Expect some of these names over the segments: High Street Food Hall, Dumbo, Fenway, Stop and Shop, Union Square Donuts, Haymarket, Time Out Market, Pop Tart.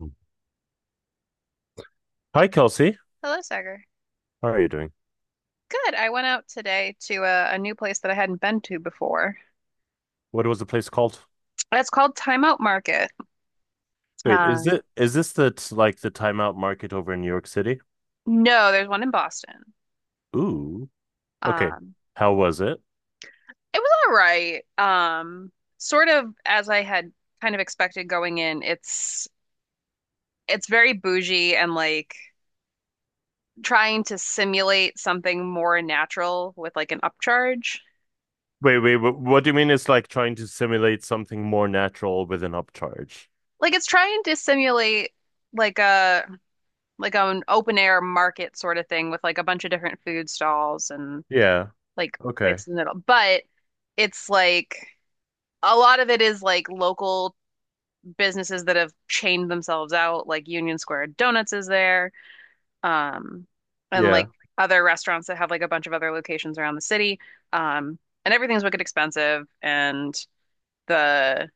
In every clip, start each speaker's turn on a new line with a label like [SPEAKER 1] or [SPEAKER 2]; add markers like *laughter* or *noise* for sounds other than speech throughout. [SPEAKER 1] Mm. Hi, Kelsey.
[SPEAKER 2] Hello, Sagar.
[SPEAKER 1] How are you doing?
[SPEAKER 2] Good. I went out today to a new place that I hadn't been to before.
[SPEAKER 1] What was the place called?
[SPEAKER 2] It's called Time Out Market.
[SPEAKER 1] Wait, is
[SPEAKER 2] Um,
[SPEAKER 1] it is this the like the timeout market over in New York City?
[SPEAKER 2] no, there's one in Boston.
[SPEAKER 1] Ooh. Okay.
[SPEAKER 2] Um,
[SPEAKER 1] How was it?
[SPEAKER 2] it was all right. Sort of as I had kind of expected going in. It's very bougie and like trying to simulate something more natural with like an upcharge.
[SPEAKER 1] What do you mean it's like trying to simulate something more natural with an upcharge?
[SPEAKER 2] Like it's trying to simulate like a like an open air market sort of thing with like a bunch of different food stalls and
[SPEAKER 1] Yeah.
[SPEAKER 2] like
[SPEAKER 1] Okay.
[SPEAKER 2] places in the middle. But it's like a lot of it is like local businesses that have chained themselves out, like Union Square Donuts is there, um, and
[SPEAKER 1] Yeah.
[SPEAKER 2] like other restaurants that have like a bunch of other locations around the city. Um, and everything's wicked expensive and the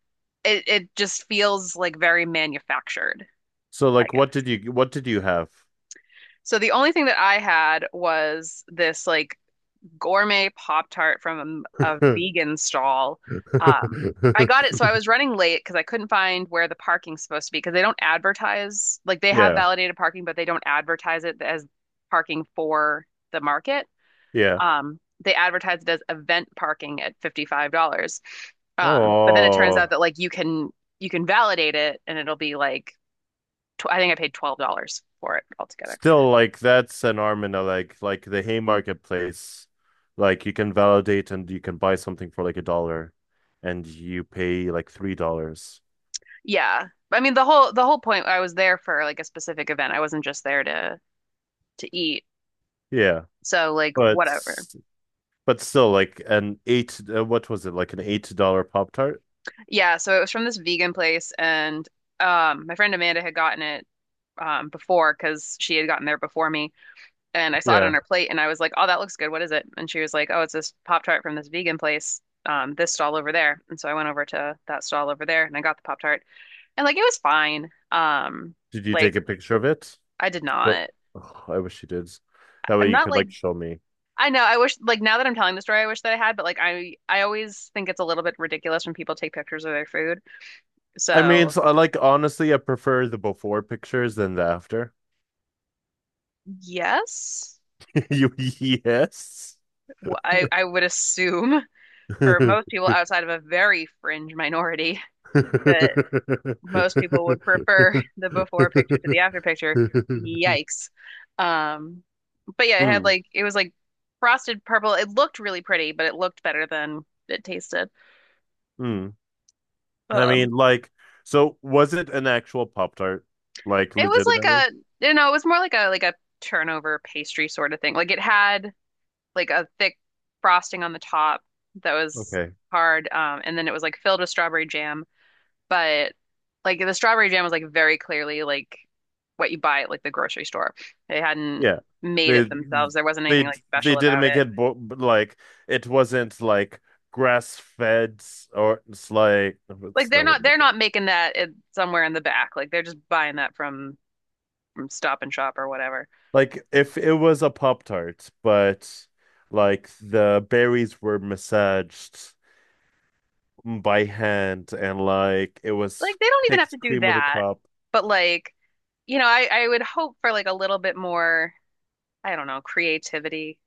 [SPEAKER 2] it just feels like very manufactured,
[SPEAKER 1] So
[SPEAKER 2] I
[SPEAKER 1] like
[SPEAKER 2] guess.
[SPEAKER 1] what did you have?
[SPEAKER 2] So the only thing that I had was this like gourmet Pop Tart from a
[SPEAKER 1] *laughs*
[SPEAKER 2] vegan stall. Um, I got it, so I was running late because I couldn't find where the parking's supposed to be because they don't advertise, like they have
[SPEAKER 1] Yeah.
[SPEAKER 2] validated parking, but they don't advertise it as parking for the market.
[SPEAKER 1] Yeah.
[SPEAKER 2] Um, they advertise it as event parking at $55. But then it turns
[SPEAKER 1] Oh.
[SPEAKER 2] out that like you can validate it and it'll be like tw I think I paid $12 for it altogether.
[SPEAKER 1] Still, like that's an arm and a leg. Like the Haymarket place, like you can validate and you can buy something for like a dollar, and you pay like $3.
[SPEAKER 2] Yeah. I mean the whole point I was there for like a specific event. I wasn't just there to eat.
[SPEAKER 1] Yeah,
[SPEAKER 2] So like
[SPEAKER 1] but
[SPEAKER 2] whatever.
[SPEAKER 1] but still, like an eight. What was it? Like an $8 Pop Tart?
[SPEAKER 2] Yeah, so it was from this vegan place and my friend Amanda had gotten it before because she had gotten there before me and I saw it
[SPEAKER 1] Yeah.
[SPEAKER 2] on her plate and I was like, "Oh, that looks good. What is it?" And she was like, "Oh, it's this Pop-Tart from this vegan place. This stall over there." And so I went over to that stall over there and I got the Pop-Tart. And like it was fine.
[SPEAKER 1] Did you take a
[SPEAKER 2] Like
[SPEAKER 1] picture of it?
[SPEAKER 2] I did
[SPEAKER 1] No.
[SPEAKER 2] not
[SPEAKER 1] Oh, I wish you did. That
[SPEAKER 2] I'm
[SPEAKER 1] way you
[SPEAKER 2] not
[SPEAKER 1] could
[SPEAKER 2] like
[SPEAKER 1] like show me.
[SPEAKER 2] I know. I wish, like, now that I'm telling the story, I wish that I had, but like, I always think it's a little bit ridiculous when people take pictures of their food.
[SPEAKER 1] I mean,
[SPEAKER 2] So
[SPEAKER 1] so, like honestly, I prefer the before pictures than the after.
[SPEAKER 2] yes,
[SPEAKER 1] *laughs* You yes.
[SPEAKER 2] I would assume *laughs* for most
[SPEAKER 1] *laughs*
[SPEAKER 2] people outside of a very fringe minority *laughs* that
[SPEAKER 1] *laughs*
[SPEAKER 2] most people would prefer *laughs* the before picture to the after picture. Yikes. Um, but yeah, it had
[SPEAKER 1] Mm,
[SPEAKER 2] like it was like frosted purple. It looked really pretty, but it looked better than it tasted.
[SPEAKER 1] mm. I
[SPEAKER 2] Um,
[SPEAKER 1] mean, like, so was it an actual Pop Tart? Like,
[SPEAKER 2] it was
[SPEAKER 1] legitimately?
[SPEAKER 2] like a you know, it was more like a turnover pastry sort of thing. Like it had like a thick frosting on the top that was
[SPEAKER 1] Okay.
[SPEAKER 2] hard, and then it was like filled with strawberry jam. But like the strawberry jam was like very clearly like what you buy at like the grocery store. They hadn't
[SPEAKER 1] Yeah.
[SPEAKER 2] made
[SPEAKER 1] They
[SPEAKER 2] it themselves. There wasn't anything
[SPEAKER 1] they
[SPEAKER 2] like
[SPEAKER 1] they
[SPEAKER 2] special
[SPEAKER 1] didn't
[SPEAKER 2] about
[SPEAKER 1] make
[SPEAKER 2] it.
[SPEAKER 1] it bo like it wasn't like grass fed or it's like what's
[SPEAKER 2] Like they're
[SPEAKER 1] that
[SPEAKER 2] not
[SPEAKER 1] wouldn't make
[SPEAKER 2] they're
[SPEAKER 1] it.
[SPEAKER 2] not making that at, somewhere in the back. Like they're just buying that from Stop and Shop or whatever.
[SPEAKER 1] Like if it was a Pop Tart, but like the berries were massaged by hand and like it
[SPEAKER 2] Like
[SPEAKER 1] was
[SPEAKER 2] they don't even have to
[SPEAKER 1] picked
[SPEAKER 2] do
[SPEAKER 1] cream of the
[SPEAKER 2] that.
[SPEAKER 1] crop.
[SPEAKER 2] But like, you know, I would hope for like a little bit more, I don't know, creativity.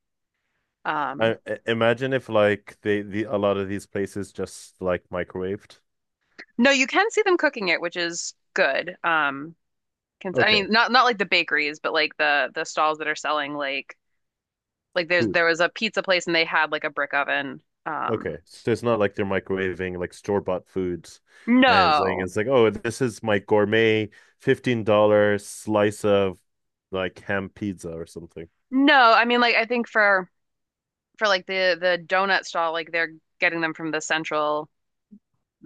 [SPEAKER 2] Um
[SPEAKER 1] Imagine if like the a lot of these places just like microwaved.
[SPEAKER 2] no, you can see them cooking it, which is good. Can, I
[SPEAKER 1] Okay,
[SPEAKER 2] mean, not not like the bakeries, but like the stalls that are selling like there's
[SPEAKER 1] food.
[SPEAKER 2] there was a pizza place and they had like a brick oven. Um,
[SPEAKER 1] Okay, so it's not like they're microwaving like store-bought foods and saying
[SPEAKER 2] no,
[SPEAKER 1] it's like, oh, this is my gourmet $15 slice of like ham pizza or something.
[SPEAKER 2] no, I mean like I think for like the donut stall, like they're getting them from the central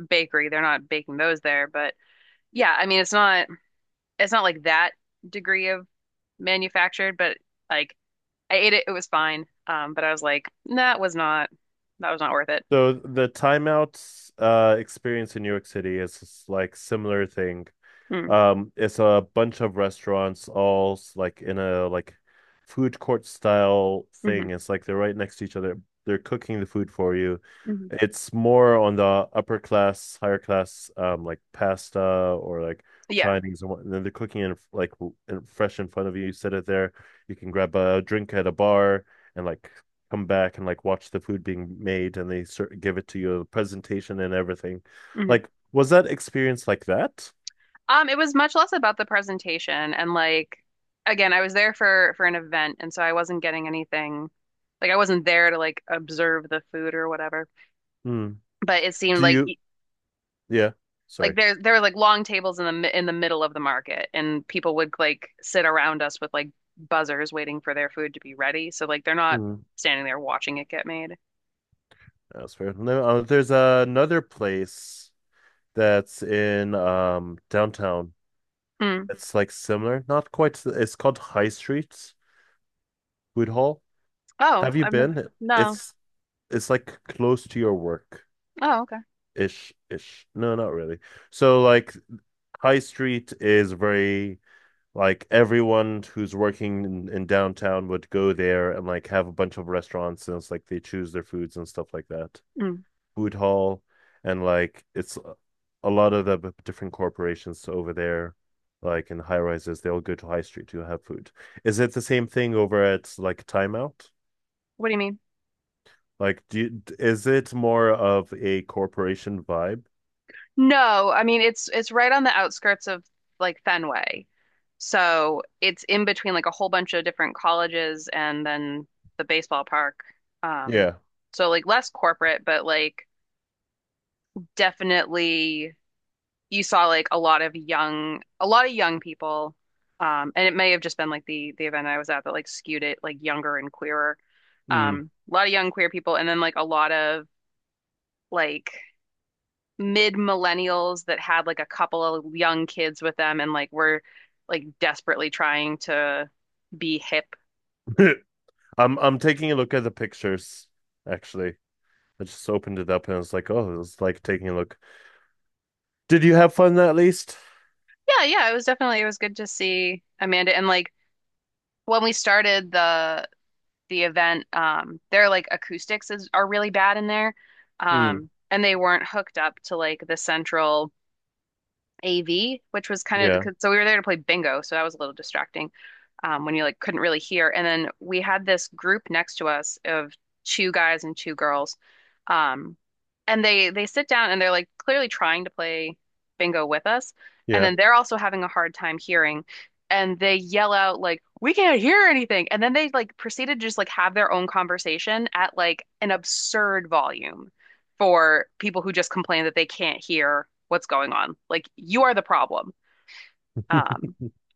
[SPEAKER 2] bakery. They're not baking those there, but yeah, I mean it's not like that degree of manufactured, but like I ate it, it was fine. But I was like, that was not that was not worth it.
[SPEAKER 1] So the timeouts experience in New York City is like similar thing.
[SPEAKER 2] Mm,
[SPEAKER 1] It's a bunch of restaurants like in a like food court style thing.
[SPEAKER 2] hmm
[SPEAKER 1] It's like they're right next to each other. They're cooking the food for you.
[SPEAKER 2] hmm.
[SPEAKER 1] It's more on the upper class, higher class, like pasta or like
[SPEAKER 2] Yeah.
[SPEAKER 1] Chinese and what. And then they're cooking it like fresh in front of you. You sit it there. You can grab a drink at a bar and like come back and like watch the food being made, and they sort give it to you, the presentation and everything.
[SPEAKER 2] Mhm.
[SPEAKER 1] Like, was that experience like that?
[SPEAKER 2] It was much less about the presentation and like again, I was there for an event and so I wasn't getting anything like I wasn't there to like observe the food or whatever.
[SPEAKER 1] Hmm.
[SPEAKER 2] But it seemed
[SPEAKER 1] Do
[SPEAKER 2] like
[SPEAKER 1] you? Yeah,
[SPEAKER 2] like
[SPEAKER 1] sorry.
[SPEAKER 2] there were like long tables in the mi- in the middle of the market and people would like sit around us with like buzzers waiting for their food to be ready. So like they're not
[SPEAKER 1] Mhm.
[SPEAKER 2] standing there watching it get made.
[SPEAKER 1] That's fair. No, there's another place that's in downtown.
[SPEAKER 2] Mm.
[SPEAKER 1] It's like similar, not quite. It's called High Street Food Hall.
[SPEAKER 2] Oh,
[SPEAKER 1] Have you
[SPEAKER 2] I've no,
[SPEAKER 1] been?
[SPEAKER 2] no.
[SPEAKER 1] It's it's like close to your work
[SPEAKER 2] Oh, okay.
[SPEAKER 1] ish ish. No, not really. So like High Street is very like everyone who's working in downtown would go there and like have a bunch of restaurants and it's like they choose their foods and stuff like that.
[SPEAKER 2] Mm.
[SPEAKER 1] Food hall, and like it's a lot of the different corporations over there like in high rises, they all go to high street to have food. Is it the same thing over at like timeout?
[SPEAKER 2] What do you mean?
[SPEAKER 1] Like is it more of a corporation vibe?
[SPEAKER 2] No, I mean it's right on the outskirts of like Fenway. So it's in between like a whole bunch of different colleges and then the baseball park. Um,
[SPEAKER 1] Yeah.
[SPEAKER 2] so like less corporate, but like definitely you saw like a lot of young people. And it may have just been like the event I was at that like skewed it like younger and queerer.
[SPEAKER 1] Mm.
[SPEAKER 2] A lot of young queer people and then like a lot of like mid millennials that had like a couple of young kids with them and like were like desperately trying to be hip.
[SPEAKER 1] *laughs* I'm taking a look at the pictures, actually. I just opened it up and I was like, oh, it's like taking a look. Did you have fun at least?
[SPEAKER 2] Yeah, yeah, it was definitely it was good to see Amanda and like when we started the event, their like acoustics is are really bad in there.
[SPEAKER 1] Mm.
[SPEAKER 2] And they weren't hooked up to like the central AV, which was kind of
[SPEAKER 1] Yeah,
[SPEAKER 2] so we were there to play bingo, so that was a little distracting when you like couldn't really hear. And then we had this group next to us of two guys and two girls, um, and they sit down and they're like clearly trying to play bingo with us, and
[SPEAKER 1] yeah.
[SPEAKER 2] then they're also having a hard time hearing, and they yell out like we can't hear anything, and then they like proceeded to just like have their own conversation at like an absurd volume for people who just complain that they can't hear what's going on. Like you are the problem. Um,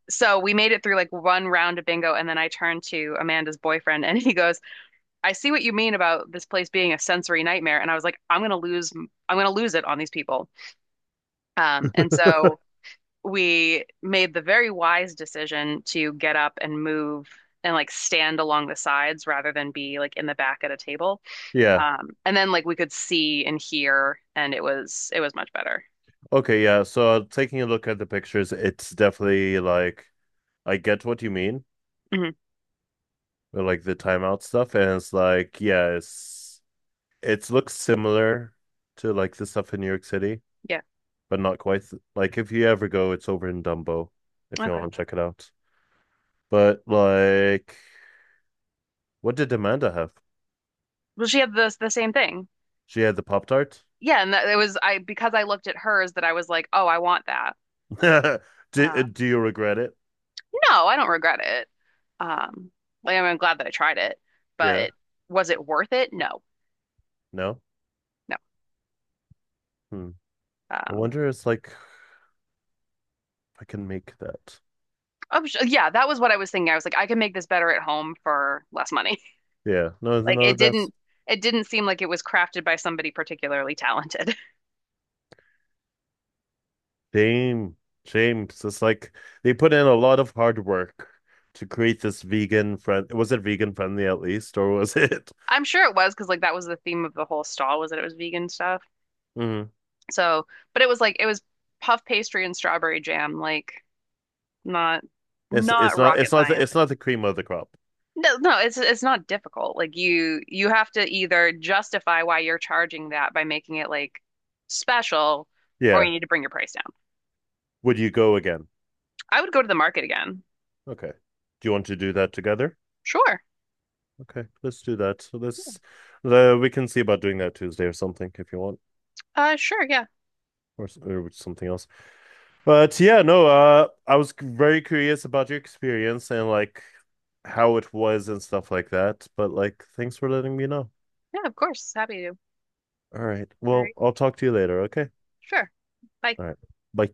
[SPEAKER 2] so we made it through like one round of bingo, and then I turned to Amanda's boyfriend, and he goes, "I see what you mean about this place being a sensory nightmare." And I was like, I'm gonna lose it on these people." And so
[SPEAKER 1] *laughs*
[SPEAKER 2] we made the very wise decision to get up and move and like stand along the sides rather than be like in the back at a table.
[SPEAKER 1] Yeah.
[SPEAKER 2] And then like we could see and hear, and it was much better.
[SPEAKER 1] Okay, yeah. So taking a look at the pictures, it's definitely like I get what you mean,
[SPEAKER 2] Hmm.
[SPEAKER 1] with, like the timeout stuff, and it's like yeah, it's it looks similar to like the stuff in New York City,
[SPEAKER 2] Yeah.
[SPEAKER 1] but not quite. Like if you ever go, it's over in Dumbo, if you
[SPEAKER 2] Okay.
[SPEAKER 1] want to check it out. But like, what did Amanda have?
[SPEAKER 2] Well, she had the same thing.
[SPEAKER 1] She had the Pop Tart.
[SPEAKER 2] Yeah, and that, it was I because I looked at hers that I was like, oh, I want that.
[SPEAKER 1] *laughs* Do
[SPEAKER 2] Uh,
[SPEAKER 1] do you regret it?
[SPEAKER 2] no, I don't regret it. Um, like, I mean, I'm glad that I tried it,
[SPEAKER 1] Yeah.
[SPEAKER 2] but was it worth it? No,
[SPEAKER 1] No.
[SPEAKER 2] no.
[SPEAKER 1] Hmm. I
[SPEAKER 2] Um,
[SPEAKER 1] wonder. It's like if I can make that.
[SPEAKER 2] yeah, that was what I was thinking. I was like, I can make this better at home for less money. *laughs*
[SPEAKER 1] Yeah. No.
[SPEAKER 2] Like
[SPEAKER 1] No. That's
[SPEAKER 2] it didn't seem like it was crafted by somebody particularly talented.
[SPEAKER 1] Same, James. It's just like they put in a lot of hard work to create this vegan friend. Was it vegan friendly at least, or was it? *laughs*
[SPEAKER 2] I'm sure it was because like that was the theme of the whole stall was that it was vegan stuff.
[SPEAKER 1] Mhm.
[SPEAKER 2] So, but it was like it was puff pastry and strawberry jam, like not not rocket science.
[SPEAKER 1] It's not the cream of the crop.
[SPEAKER 2] No, no, it's not difficult. Like you have to either justify why you're charging that by making it like special or
[SPEAKER 1] Yeah.
[SPEAKER 2] you need to bring your price down.
[SPEAKER 1] Would you go again?
[SPEAKER 2] I would go to the market again.
[SPEAKER 1] Okay. Do you want to do that together?
[SPEAKER 2] Sure.
[SPEAKER 1] Okay, let's do that. So let's we can see about doing that Tuesday or something if you want,
[SPEAKER 2] Sure, yeah.
[SPEAKER 1] or or something else. But yeah, no. Very curious about your experience and like how it was and stuff like that. But like, thanks for letting me know.
[SPEAKER 2] Yeah, of course. Happy to.
[SPEAKER 1] All right.
[SPEAKER 2] All
[SPEAKER 1] Well,
[SPEAKER 2] right.
[SPEAKER 1] I'll talk to you later, okay?
[SPEAKER 2] Sure. Bye.
[SPEAKER 1] All right. Bye.